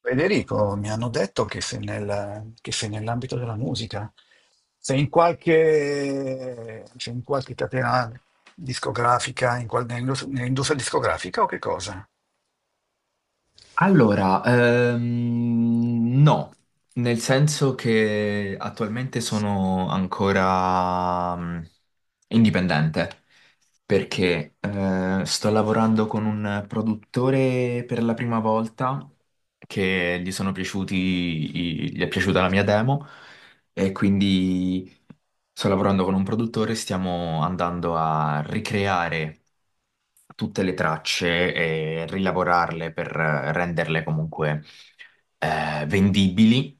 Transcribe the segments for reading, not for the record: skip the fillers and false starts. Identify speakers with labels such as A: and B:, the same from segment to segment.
A: Federico, mi hanno detto che che sei nell'ambito della musica, sei in qualche catena discografica, nell'industria discografica o che cosa?
B: Allora, no, nel senso che attualmente sono ancora indipendente, perché sto lavorando con un produttore per la prima volta, che gli sono piaciuti, gli è piaciuta la mia demo. E quindi sto lavorando con un produttore, stiamo andando a ricreare tutte le tracce e rilavorarle per renderle comunque vendibili,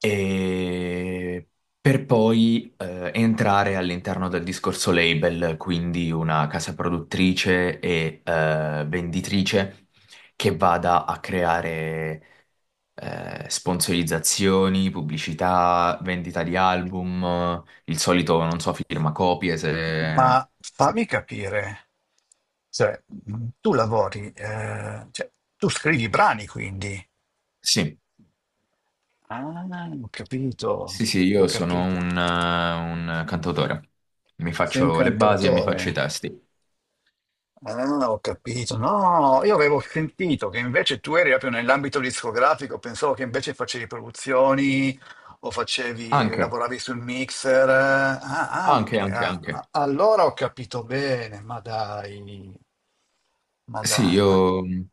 B: e per poi entrare all'interno del discorso label, quindi una casa produttrice e venditrice che vada a creare sponsorizzazioni, pubblicità, vendita di album, il solito, non so, firma copie.
A: Ma
B: Se-
A: fammi capire, cioè, tu lavori, tu scrivi brani quindi.
B: Sì,
A: Ah, ho capito,
B: sì, sì,
A: ho
B: io sono
A: capito.
B: un cantautore. Mi
A: Sei un
B: faccio le basi e mi
A: cantautore.
B: faccio i testi.
A: Ah, ho capito. No, io avevo sentito che invece tu eri proprio nell'ambito discografico, pensavo che invece facevi produzioni o facevi,
B: Anche,
A: lavoravi sul mixer. Ah,
B: anche,
A: anche.
B: anche,
A: Ah.
B: anche.
A: Ah, allora ho capito bene, ma dai. Ma
B: Sì,
A: dai, ma...
B: io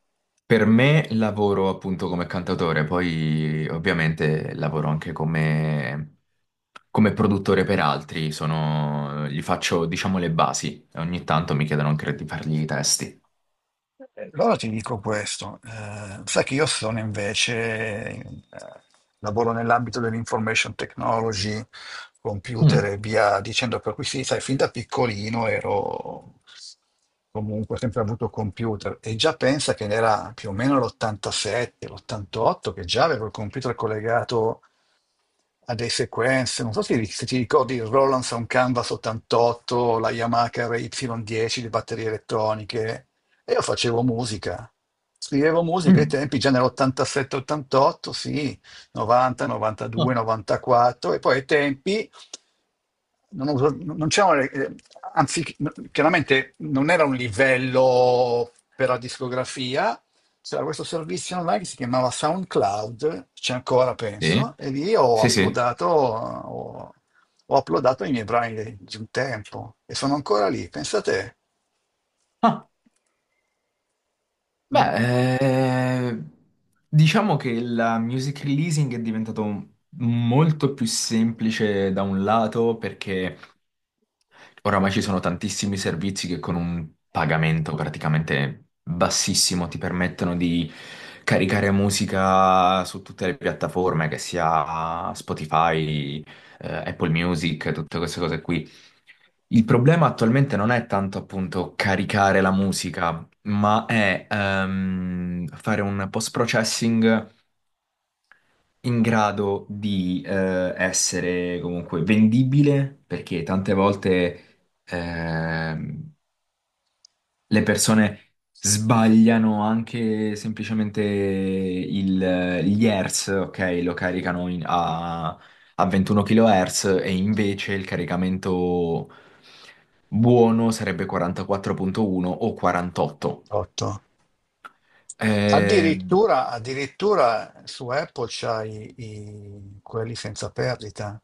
B: per me lavoro appunto come cantautore, poi ovviamente lavoro anche come produttore per altri, gli faccio diciamo le basi, ogni tanto mi chiedono anche di fargli i testi.
A: Allora ti dico questo, sai che io sono invece, lavoro nell'ambito dell'information technology, computer
B: Mm,
A: e via dicendo, per cui sì, sai, fin da piccolino ero comunque sempre avuto computer e già pensa che era più o meno l'87, l'88 che già avevo il computer collegato a dei sequenze, non so se, se ti ricordi il Roland Sound Canvas 88, la Yamaha RY10, le batterie elettroniche, e io facevo musica. Scrivevo musica ai
B: mm,
A: tempi, già nell'87-88, sì, 90,
B: no.
A: 92, 94, e poi ai tempi non c'erano, anzi, chiaramente non era un livello per la discografia, c'era questo servizio online che si chiamava SoundCloud, c'è ancora
B: Sì,
A: penso, e lì ho
B: sì, sì.
A: uploadato, ho, ho uploadato i miei brani di un tempo e sono ancora lì, pensate.
B: Ah,
A: Mm.
B: beh, diciamo che la music releasing è diventato molto più semplice da un lato, perché oramai ci sono tantissimi servizi che con un pagamento praticamente bassissimo ti permettono di caricare musica su tutte le piattaforme, che sia Spotify, Apple Music, tutte queste cose qui. Il problema attualmente non è tanto appunto caricare la musica, ma è fare un post-processing in grado di essere comunque vendibile, perché tante volte. Ehm, le persone sbagliano anche semplicemente gli hertz, ok? Lo caricano a 21 kHz e invece il caricamento buono sarebbe 44.1 o 48.
A: Otto.
B: Eh,
A: Addirittura, addirittura su Apple c'hai i, quelli senza perdita,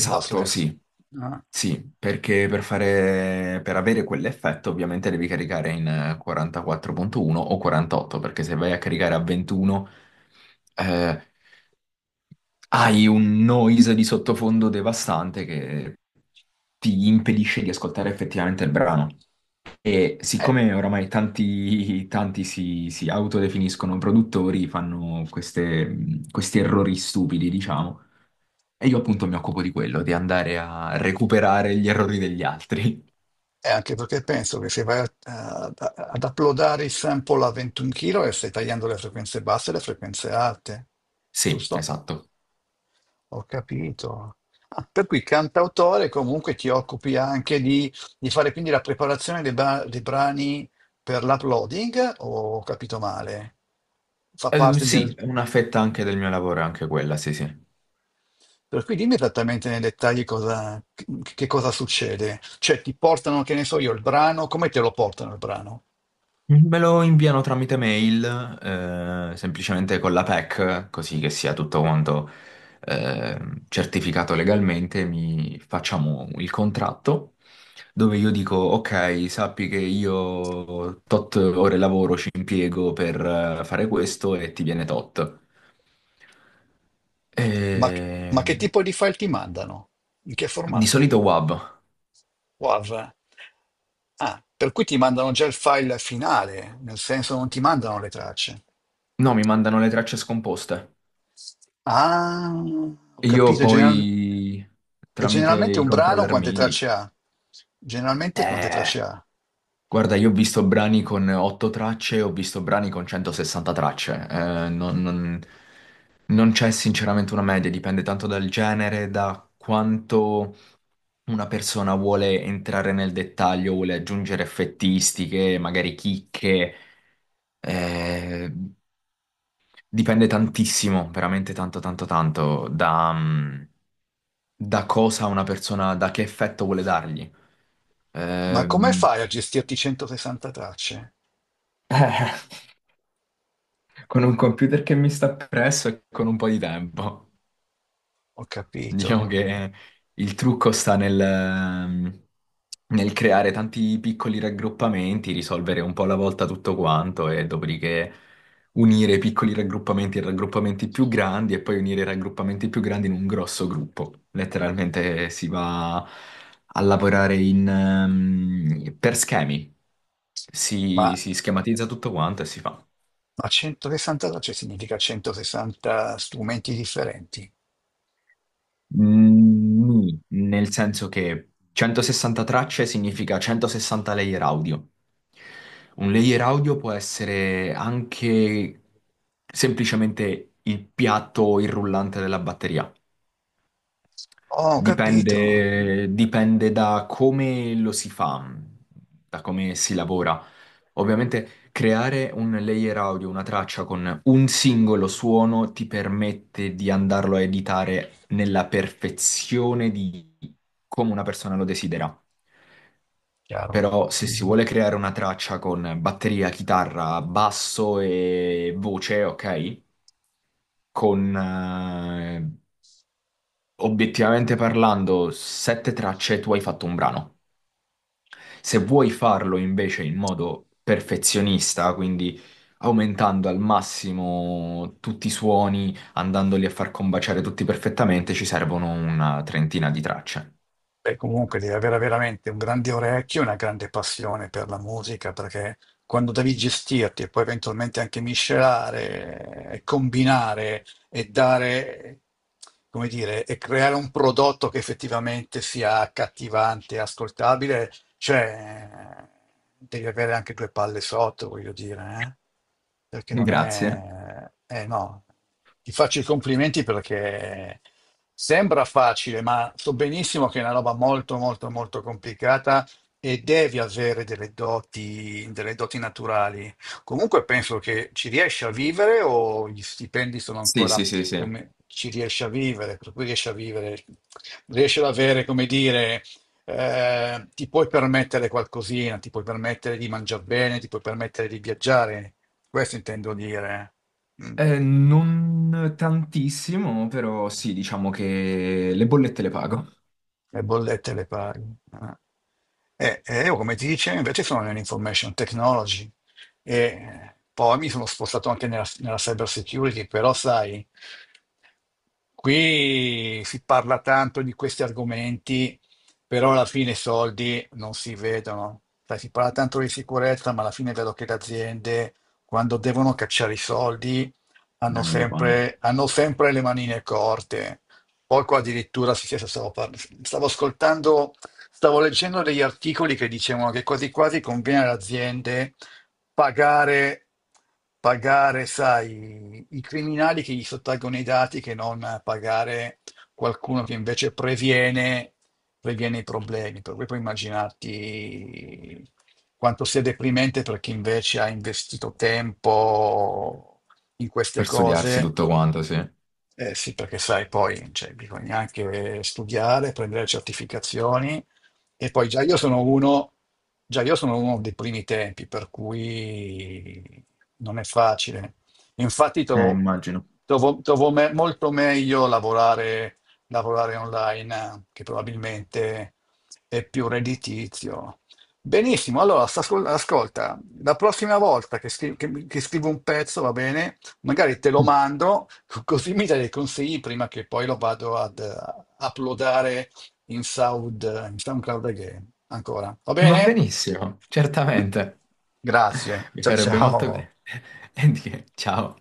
A: i lossless,
B: sì.
A: no?
B: Sì, perché per avere quell'effetto ovviamente devi caricare in 44.1 o 48, perché se vai a caricare a 21 hai un noise di sottofondo devastante che ti impedisce di ascoltare effettivamente il brano. E
A: Eh,
B: siccome oramai tanti, tanti si autodefiniscono produttori, fanno questi errori stupidi, diciamo. E io appunto mi occupo di quello, di andare a recuperare gli errori degli altri.
A: E anche perché penso che se vai ad uploadare il sample a 21 kg stai tagliando le frequenze basse e le frequenze alte,
B: Sì,
A: giusto?
B: esatto.
A: Ho capito. Ah, per cui cantautore comunque ti occupi anche di fare quindi la preparazione dei brani per l'uploading, o ho capito male? Fa parte
B: Sì,
A: del...
B: è una fetta anche del mio lavoro, è anche quella, sì, sì.
A: Per cui dimmi esattamente nei dettagli cosa, che cosa succede. Cioè ti portano, che ne so io, il brano, come te lo portano il brano?
B: Me lo inviano tramite mail, semplicemente con la PEC, così che sia tutto quanto eh, certificato legalmente. Mi facciamo il contratto dove io dico, ok, sappi che io tot ore lavoro ci impiego per fare questo e ti viene tot.
A: Ma che
B: E.
A: tipo di file ti mandano? In che
B: Di
A: formato?
B: solito WAV.
A: WAV? Ah, per cui ti mandano già il file finale, nel senso non ti mandano le tracce.
B: No, mi mandano le tracce scomposte.
A: Ah, ho
B: Io
A: capito.
B: poi
A: E
B: tramite
A: generalmente
B: i
A: un brano
B: controller
A: quante
B: MIDI.
A: tracce ha? Generalmente quante
B: Eh,
A: tracce ha?
B: Guarda, io ho visto brani con 8 tracce, ho visto brani con 160 tracce. Non c'è sinceramente una media, dipende tanto dal genere, da quanto una persona vuole entrare nel dettaglio, vuole aggiungere effettistiche, magari chicche. Eh, dipende tantissimo, veramente tanto, tanto, tanto da cosa una persona, da che effetto vuole dargli.
A: Ma
B: Eh,
A: come fai a gestirti 160 tracce?
B: con un computer che mi sta presso e con un po' di tempo.
A: Ho capito.
B: Diciamo che il trucco sta nel creare tanti piccoli raggruppamenti, risolvere un po' alla volta tutto quanto e dopodiché unire i piccoli raggruppamenti in raggruppamenti più grandi e poi unire i raggruppamenti più grandi in un grosso gruppo. Letteralmente si va a lavorare per schemi,
A: Ma,
B: si schematizza tutto quanto e si fa.
A: ma 160 tracce significa 160 strumenti differenti.
B: Mm, nì, nel senso che 160 tracce significa 160 layer audio. Un layer audio può essere anche semplicemente il piatto o il rullante della batteria.
A: Oh, ho capito.
B: Dipende, dipende da come lo si fa, da come si lavora. Ovviamente creare un layer audio, una traccia con un singolo suono ti permette di andarlo a editare nella perfezione di come una persona lo desidera.
A: Chiaro.
B: Però se si
A: Mm-hmm.
B: vuole creare una traccia con batteria, chitarra, basso e voce, ok? Con obiettivamente parlando, sette tracce, tu hai fatto un brano. Se vuoi farlo invece in modo perfezionista, quindi aumentando al massimo tutti i suoni, andandoli a far combaciare tutti perfettamente, ci servono una trentina di tracce.
A: Beh, comunque devi avere veramente un grande orecchio e una grande passione per la musica, perché quando devi gestirti e poi eventualmente anche miscelare, e combinare e dare, come dire, e creare un prodotto che effettivamente sia accattivante e ascoltabile, cioè, devi avere anche due palle sotto, voglio dire, eh? Perché non
B: Grazie.
A: è... Eh no, ti faccio i complimenti perché sembra facile, ma so benissimo che è una roba molto, molto, molto complicata e devi avere delle doti naturali. Comunque penso che ci riesci a vivere o gli stipendi sono
B: Sì,
A: ancora
B: sì, sì, sì.
A: come ci riesci a vivere, per cui riesci a vivere, riesci ad avere, come dire ti puoi permettere qualcosina, ti puoi permettere di mangiare bene, ti puoi permettere di viaggiare, questo intendo dire. Eh. Mm.
B: Non tantissimo, però sì, diciamo che le bollette le pago.
A: Le bollette le paghi. Eh. E io, come ti dicevo, invece sono nell'information technology e poi mi sono spostato anche nella cyber security, però sai, qui si parla tanto di questi argomenti, però alla fine i soldi non si vedono. Sai, si parla tanto di sicurezza, ma alla fine vedo che le aziende, quando devono cacciare i soldi, hanno
B: Non lo fanno.
A: sempre, hanno sempre le manine corte. Poco addirittura, sì, sì, adesso stavo, stavo ascoltando, stavo leggendo degli articoli che dicevano che quasi quasi conviene alle aziende pagare, pagare, sai, i criminali che gli sottraggono i dati che non pagare qualcuno che invece previene i problemi. Per cui puoi immaginarti quanto sia deprimente per chi invece ha investito tempo in queste
B: Per studiarsi
A: cose,
B: tutto quanto, sì.
A: eh sì, perché sai, poi cioè, bisogna anche studiare, prendere certificazioni e poi già io sono uno dei primi tempi, per cui non è facile. Infatti trovo
B: Immagino.
A: molto meglio lavorare, online, che probabilmente è più redditizio. Benissimo, allora ascolta, la prossima volta che, che scrivo un pezzo, va bene? Magari te lo mando, così mi dai dei consigli prima che poi lo vado ad uploadare in in SoundCloud again. Ancora. Va
B: Va
A: bene?
B: benissimo, certamente.
A: Grazie.
B: Mi
A: Ciao
B: farebbe molto
A: ciao.
B: bene. E di che, ciao.